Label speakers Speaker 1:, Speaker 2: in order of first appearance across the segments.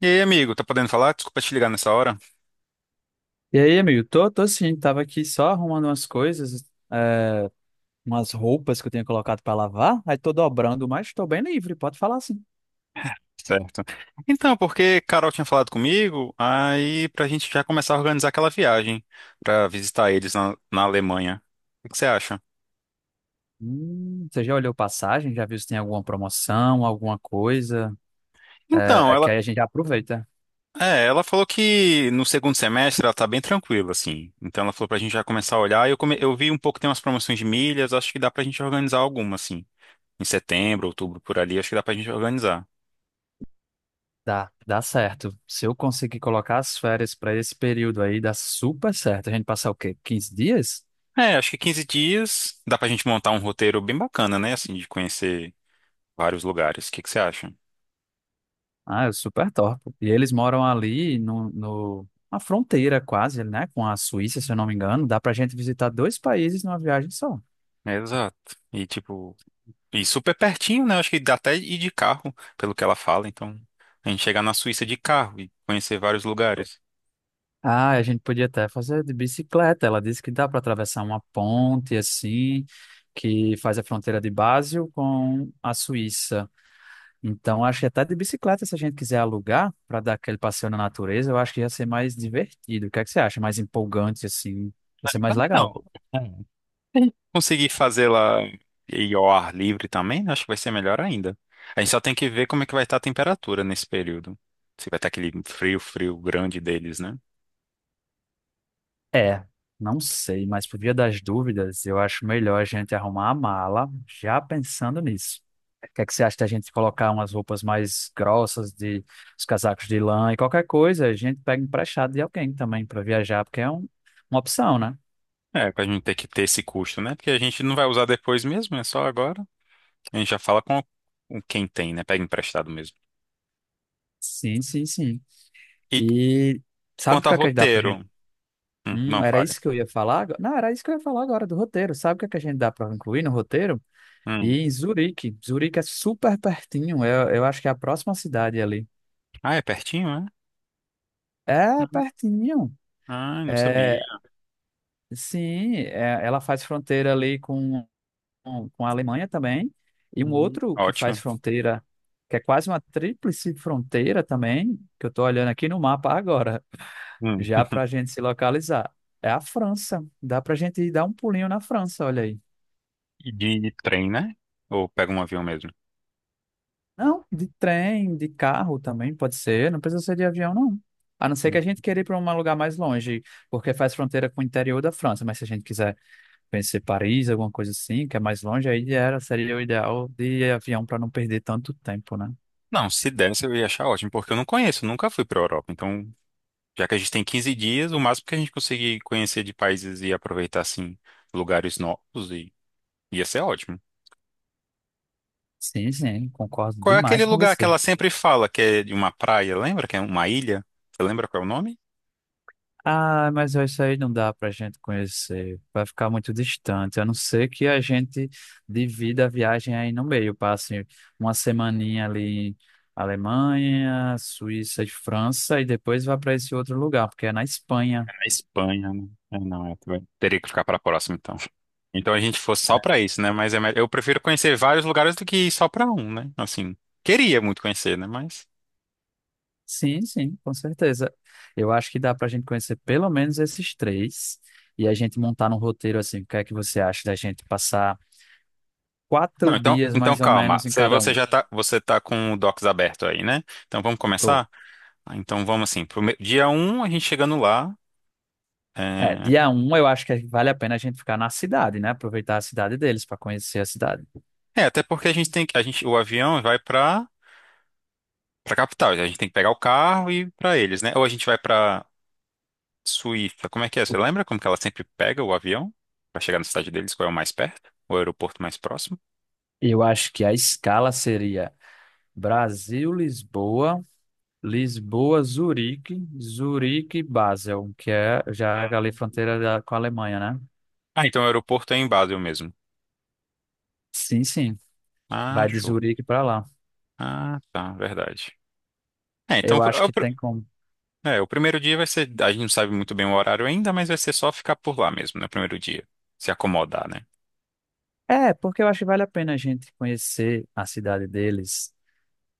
Speaker 1: E aí, amigo, tá podendo falar? Desculpa te ligar nessa hora.
Speaker 2: E aí, amigo? Tô sim, tava aqui só arrumando umas coisas, é, umas roupas que eu tinha colocado pra lavar, aí tô dobrando, mas tô bem livre, pode falar assim.
Speaker 1: Certo. Então, porque Carol tinha falado comigo, aí pra gente já começar a organizar aquela viagem pra visitar eles na Alemanha. O que você acha?
Speaker 2: Você já olhou passagem? Já viu se tem alguma promoção, alguma coisa? É,
Speaker 1: Então,
Speaker 2: é
Speaker 1: ela,
Speaker 2: que aí a gente já aproveita.
Speaker 1: é, ela falou que no segundo semestre ela tá bem tranquila, assim. Então ela falou pra gente já começar a olhar. Eu vi um pouco, tem umas promoções de milhas, acho que dá pra gente organizar alguma, assim. Em setembro, outubro, por ali, acho que dá pra gente organizar.
Speaker 2: Dá certo. Se eu conseguir colocar as férias pra esse período aí, dá super certo. A gente passar o quê? 15 dias?
Speaker 1: É, acho que 15 dias dá pra gente montar um roteiro bem bacana, né? Assim, de conhecer vários lugares. O que que você acha?
Speaker 2: Ah, é super top. E eles moram ali no, no, na fronteira quase, né, com a Suíça, se eu não me engano. Dá pra gente visitar dois países numa viagem só.
Speaker 1: Exato. E tipo, e super pertinho, né? Acho que dá até ir de carro, pelo que ela fala. Então, a gente chegar na Suíça de carro e conhecer vários lugares.
Speaker 2: Ah, a gente podia até fazer de bicicleta. Ela disse que dá para atravessar uma ponte assim, que faz a fronteira de Basel com a Suíça. Então, acho que até de bicicleta, se a gente quiser alugar para dar aquele passeio na natureza, eu acho que ia ser mais divertido. O que é que você acha? Mais empolgante assim, ia ser
Speaker 1: Eu
Speaker 2: mais
Speaker 1: também
Speaker 2: legal.
Speaker 1: não. É. Conseguir fazer lá e ao ar livre também, né, acho que vai ser melhor ainda. A gente só tem que ver como é que vai estar a temperatura nesse período. Se vai estar aquele frio grande deles, né?
Speaker 2: É, não sei, mas por via das dúvidas, eu acho melhor a gente arrumar a mala já pensando nisso. O que é que você acha da gente colocar umas roupas mais grossas, de os casacos de lã e qualquer coisa, a gente pega emprestado de alguém também para viajar, porque é uma opção, né?
Speaker 1: É, pra gente ter que ter esse custo, né? Porque a gente não vai usar depois mesmo, é só agora. A gente já fala com quem tem, né? Pega emprestado mesmo.
Speaker 2: Sim, sim, sim.
Speaker 1: E
Speaker 2: E sabe o
Speaker 1: quanto a
Speaker 2: que é que dá pra gente?
Speaker 1: roteiro? Não,
Speaker 2: Era
Speaker 1: fale.
Speaker 2: isso que eu ia falar? Agora? Não, era isso que eu ia falar agora do roteiro. Sabe o que é que a gente dá para incluir no roteiro?
Speaker 1: Hum.
Speaker 2: E em Zurique. Zurique é super pertinho. Eu acho que é a próxima cidade ali.
Speaker 1: Ah, é pertinho, é?
Speaker 2: É
Speaker 1: Hum.
Speaker 2: pertinho.
Speaker 1: Ah, não sabia.
Speaker 2: É, sim, ela faz fronteira ali com a Alemanha também. E um outro que
Speaker 1: Ótimo.
Speaker 2: faz fronteira, que é quase uma tríplice fronteira também, que eu estou olhando aqui no mapa agora,
Speaker 1: Hum.
Speaker 2: já para a gente se localizar, é a França. Dá para a gente ir dar um pulinho na França, olha aí.
Speaker 1: E de trem, né? Ou pega um avião mesmo?
Speaker 2: Não, de trem, de carro também pode ser, não precisa ser de avião, não. A não ser que a
Speaker 1: Hum.
Speaker 2: gente queira ir para um lugar mais longe, porque faz fronteira com o interior da França, mas se a gente quiser pensei Paris, alguma coisa assim, que é mais longe, aí seria o ideal de avião para não perder tanto tempo, né?
Speaker 1: Não, se desse eu ia achar ótimo, porque eu não conheço, nunca fui para Europa. Então, já que a gente tem 15 dias, o máximo que a gente conseguir conhecer de países e aproveitar, assim, lugares novos, e ia ser ótimo.
Speaker 2: Sim, sim, concordo
Speaker 1: Qual é aquele
Speaker 2: demais com
Speaker 1: lugar que
Speaker 2: você.
Speaker 1: ela sempre fala que é de uma praia, lembra? Que é uma ilha? Você lembra qual é o nome?
Speaker 2: Ah, mas isso aí não dá pra gente conhecer, vai ficar muito distante, a não ser que a gente divida a viagem aí no meio, passe uma semaninha ali em Alemanha, Suíça e França, e depois vá para esse outro lugar, porque é na Espanha.
Speaker 1: A Espanha, né? É, não, é, teria que ficar para a próxima, então. Então a gente fosse só para isso, né? Eu prefiro conhecer vários lugares do que ir só para um, né? Assim, queria muito conhecer, né? Mas.
Speaker 2: Sim, sim, com certeza. Eu acho que dá para a gente conhecer pelo menos esses três e a gente montar num roteiro assim. O que é que você acha da gente passar
Speaker 1: Não,
Speaker 2: 4
Speaker 1: então,
Speaker 2: dias
Speaker 1: então
Speaker 2: mais ou
Speaker 1: calma.
Speaker 2: menos em
Speaker 1: Você,
Speaker 2: cada
Speaker 1: você
Speaker 2: um?
Speaker 1: já tá, você tá com o Docs aberto aí, né? Então vamos
Speaker 2: Tô.
Speaker 1: começar? Ah, então vamos assim, dia um a gente chegando lá.
Speaker 2: É,
Speaker 1: É...
Speaker 2: dia 1 eu acho que vale a pena a gente ficar na cidade, né? Aproveitar a cidade deles para conhecer a cidade.
Speaker 1: É, até porque a gente tem que. A gente, o avião vai para para capital. A gente tem que pegar o carro e ir para eles, né? Ou a gente vai para Suíça, como é que é? Você lembra como que ela sempre pega o avião para chegar na cidade deles? Qual é o mais perto? O aeroporto mais próximo?
Speaker 2: Eu acho que a escala seria Brasil, Lisboa, Lisboa, Zurique, Zurique, Basel, que é já ali
Speaker 1: Ah,
Speaker 2: fronteira com a Alemanha, né?
Speaker 1: então o aeroporto é em Basel mesmo.
Speaker 2: Sim, sim.
Speaker 1: Ah,
Speaker 2: Vai de
Speaker 1: show.
Speaker 2: Zurique para lá.
Speaker 1: Ah, tá, verdade. É, então
Speaker 2: Eu
Speaker 1: é,
Speaker 2: acho que tem como.
Speaker 1: é, o primeiro dia vai ser. A gente não sabe muito bem o horário ainda, mas vai ser só ficar por lá mesmo, né? O primeiro dia. Se acomodar, né?
Speaker 2: É, porque eu acho que vale a pena a gente conhecer a cidade deles,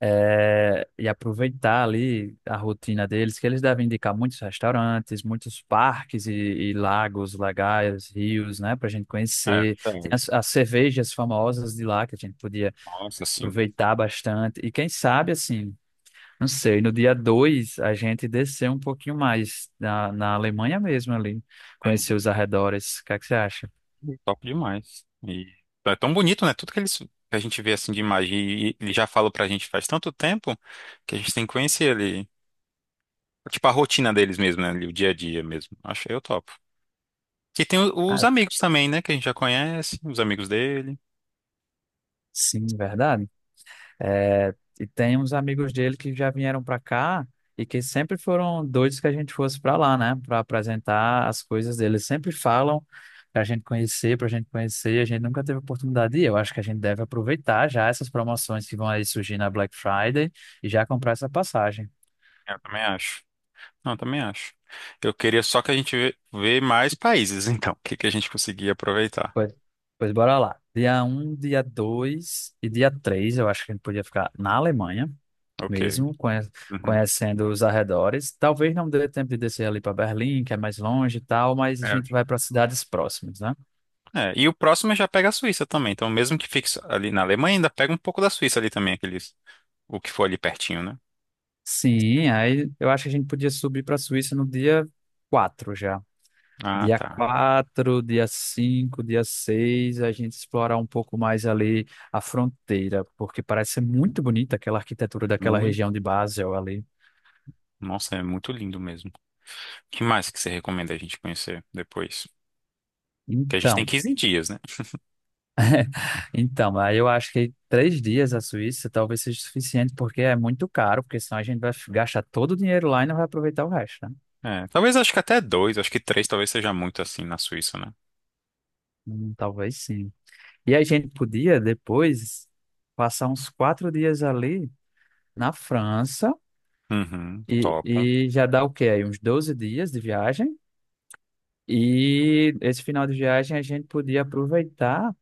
Speaker 2: e aproveitar ali a rotina deles, que eles devem indicar muitos restaurantes, muitos parques e lagos legais, rios, né, para a gente
Speaker 1: É,
Speaker 2: conhecer. Tem
Speaker 1: verdade.
Speaker 2: as cervejas famosas de lá que a gente podia
Speaker 1: Nossa, assim.
Speaker 2: aproveitar bastante. E quem sabe, assim, não sei, no dia 2 a gente descer um pouquinho mais na Alemanha mesmo ali, conhecer os arredores. O que é que você acha?
Speaker 1: Uhum. Top demais. E é tão bonito, né? Tudo que eles. Que a gente vê assim de imagem e ele já falou pra gente faz tanto tempo que a gente tem que conhecer ele. Tipo, a rotina deles mesmo, né? O dia a dia mesmo. Acho eu topo. E tem os
Speaker 2: Ah,
Speaker 1: amigos também, né? Que a gente já conhece, os amigos dele.
Speaker 2: sim, verdade. É, e tem uns amigos dele que já vieram para cá e que sempre foram doidos que a gente fosse para lá, né? Para apresentar as coisas deles. Sempre falam para a gente conhecer, para a gente conhecer. A gente nunca teve oportunidade de ir. Eu acho que a gente deve aproveitar já essas promoções que vão aí surgir na Black Friday e já comprar essa passagem.
Speaker 1: Eu também acho. Não, eu também acho. Eu queria só que a gente vê mais países, então. O que que a gente conseguia aproveitar.
Speaker 2: Pois, pois bora lá. Dia 1, dia 2 e dia 3, eu acho que a gente podia ficar na Alemanha
Speaker 1: Ok.
Speaker 2: mesmo,
Speaker 1: Uhum.
Speaker 2: conhecendo os arredores. Talvez não dê tempo de descer ali para Berlim, que é mais longe e tal, mas a gente
Speaker 1: É.
Speaker 2: vai para cidades próximas, né?
Speaker 1: É, e o próximo já pega a Suíça também. Então, mesmo que fique só ali na Alemanha, ainda pega um pouco da Suíça ali também, aqueles, o que for ali pertinho, né?
Speaker 2: Sim, aí eu acho que a gente podia subir para a Suíça no dia 4 já.
Speaker 1: Ah,
Speaker 2: Dia
Speaker 1: tá.
Speaker 2: 4, dia 5, dia 6, a gente explorar um pouco mais ali a fronteira, porque parece ser muito bonita aquela arquitetura daquela região de
Speaker 1: Muito.
Speaker 2: Basel ali.
Speaker 1: Nossa, é muito lindo mesmo. O que mais que você recomenda a gente conhecer depois? Que a gente tem
Speaker 2: Então.
Speaker 1: 15 dias, né?
Speaker 2: Então, aí eu acho que 3 dias à Suíça talvez seja suficiente, porque é muito caro, porque senão a gente vai gastar todo o dinheiro lá e não vai aproveitar o resto, né?
Speaker 1: É, talvez acho que até dois, acho que três talvez seja muito assim na Suíça, né?
Speaker 2: Talvez sim. E a gente podia depois passar uns 4 dias ali na França
Speaker 1: Uhum,
Speaker 2: e,
Speaker 1: top.
Speaker 2: e já dá o quê? Aí uns 12 dias de viagem. E esse final de viagem a gente podia aproveitar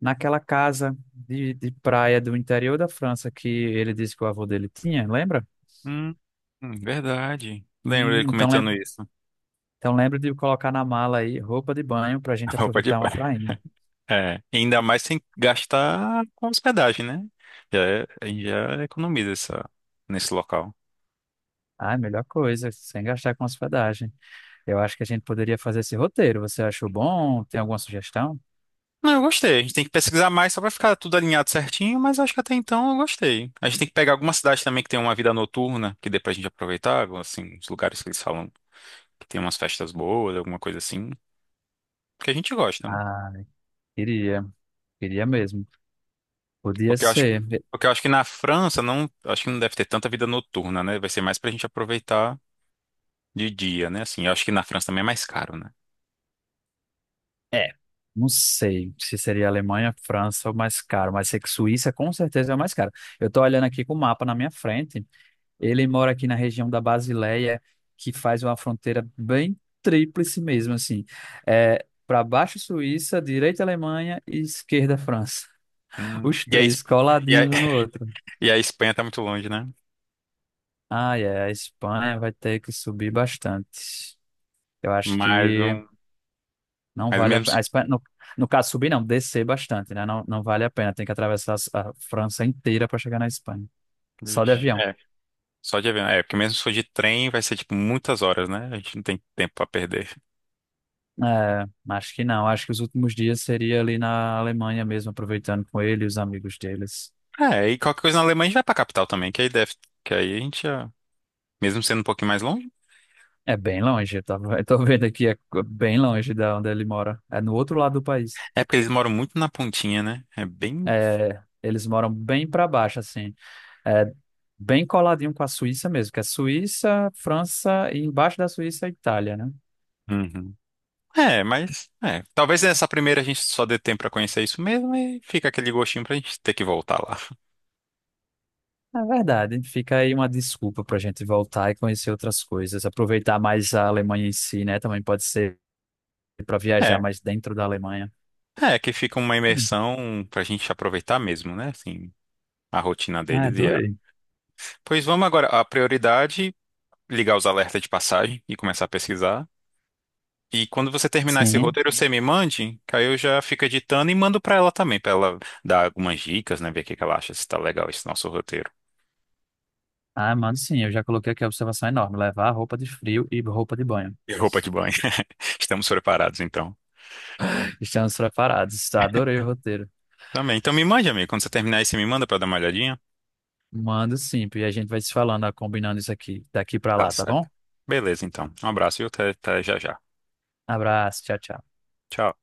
Speaker 2: naquela casa de praia do interior da França que ele disse que o avô dele tinha, lembra?
Speaker 1: Hum, verdade. Lembro
Speaker 2: Hum,
Speaker 1: ele
Speaker 2: Então,
Speaker 1: comentando
Speaker 2: lem-
Speaker 1: isso.
Speaker 2: Então lembra de colocar na mala aí roupa de banho para a
Speaker 1: A
Speaker 2: gente
Speaker 1: roupa de
Speaker 2: aproveitar uma
Speaker 1: banho.
Speaker 2: prainha.
Speaker 1: É, ainda mais sem gastar com hospedagem, né? Já, a gente já economiza essa, nesse local.
Speaker 2: Ah, melhor coisa, sem gastar com hospedagem. Eu acho que a gente poderia fazer esse roteiro. Você achou bom? Tem alguma sugestão?
Speaker 1: Não, eu gostei. A gente tem que pesquisar mais só pra ficar tudo alinhado certinho, mas acho que até então eu gostei. A gente tem que pegar alguma cidade também que tem uma vida noturna, que dê pra gente aproveitar, assim, os lugares que eles falam que tem umas festas boas, alguma coisa assim, que a gente gosta, né?
Speaker 2: Ah, queria, queria mesmo. Podia
Speaker 1: Porque eu acho, que-
Speaker 2: ser.
Speaker 1: porque eu acho que na França não, acho que não deve ter tanta vida noturna, né? Vai ser mais pra gente aproveitar de dia, né? Assim, eu acho que na França também é mais caro, né?
Speaker 2: É, não sei se seria Alemanha, França ou mais caro, mas sei que Suíça com certeza é o mais caro. Eu tô olhando aqui com o mapa na minha frente. Ele mora aqui na região da Basileia, que faz uma fronteira bem tríplice mesmo, assim. É, para baixo Suíça, direita Alemanha e esquerda França.
Speaker 1: Hum,
Speaker 2: Os
Speaker 1: e a, Es-
Speaker 2: três
Speaker 1: e a,
Speaker 2: coladinhos um no outro.
Speaker 1: e a Espanha tá muito longe, né?
Speaker 2: Ah, é, a Espanha vai ter que subir bastante. Eu acho
Speaker 1: Mais
Speaker 2: que
Speaker 1: um,
Speaker 2: não
Speaker 1: mas
Speaker 2: vale a
Speaker 1: mesmo
Speaker 2: pena.
Speaker 1: se,
Speaker 2: A Espanha, no caso, subir não, descer bastante, né? Não, não vale a pena. Tem que atravessar a França inteira para chegar na Espanha. Só de
Speaker 1: vixe.
Speaker 2: avião.
Speaker 1: É, só de avião, é, porque mesmo se for de trem vai ser tipo muitas horas, né? A gente não tem tempo pra perder.
Speaker 2: É, acho que não. Acho que os últimos dias seria ali na Alemanha mesmo, aproveitando com ele e os amigos deles.
Speaker 1: É, e qualquer coisa na Alemanha a gente vai pra capital também, que aí deve, que aí a gente já, mesmo sendo um pouquinho mais longe,
Speaker 2: É bem longe, eu tô vendo aqui, é bem longe da onde ele mora. É no outro lado do país.
Speaker 1: é porque eles moram muito na pontinha, né? É bem,
Speaker 2: É, eles moram bem para baixo, assim. É bem coladinho com a Suíça mesmo, que é Suíça, França e embaixo da Suíça, a Itália, né?
Speaker 1: uhum. É, mas é, talvez nessa primeira a gente só dê tempo pra conhecer isso mesmo e fica aquele gostinho pra gente ter que voltar lá.
Speaker 2: É verdade, fica aí uma desculpa para a gente voltar e conhecer outras coisas. Aproveitar mais a Alemanha em si, né? Também pode ser para viajar
Speaker 1: É,
Speaker 2: mais dentro da Alemanha.
Speaker 1: é que fica uma imersão pra gente aproveitar mesmo, né? Assim, a rotina
Speaker 2: Ah,
Speaker 1: deles e a...
Speaker 2: adorei.
Speaker 1: Pois vamos agora, a prioridade, ligar os alertas de passagem e começar a pesquisar. E quando você terminar esse
Speaker 2: Sim.
Speaker 1: roteiro, você me mande, que aí eu já fico editando e mando pra ela também, pra ela dar algumas dicas, né? Ver o que que ela acha, se tá legal esse nosso roteiro.
Speaker 2: Ah, mano, sim, eu já coloquei aqui a observação enorme. Levar roupa de frio e roupa de banho.
Speaker 1: E roupa de banho. Estamos preparados, então.
Speaker 2: Estamos preparados. Tá, adorei o roteiro.
Speaker 1: Também. Então me mande, amigo. Quando você terminar aí, você me manda pra dar uma olhadinha.
Speaker 2: Mando sim, e a gente vai se falando, ah, combinando isso aqui, daqui pra
Speaker 1: Tá
Speaker 2: lá, tá
Speaker 1: certo.
Speaker 2: bom?
Speaker 1: Beleza, então. Um abraço e até, até já já.
Speaker 2: Abraço, tchau, tchau.
Speaker 1: Tchau.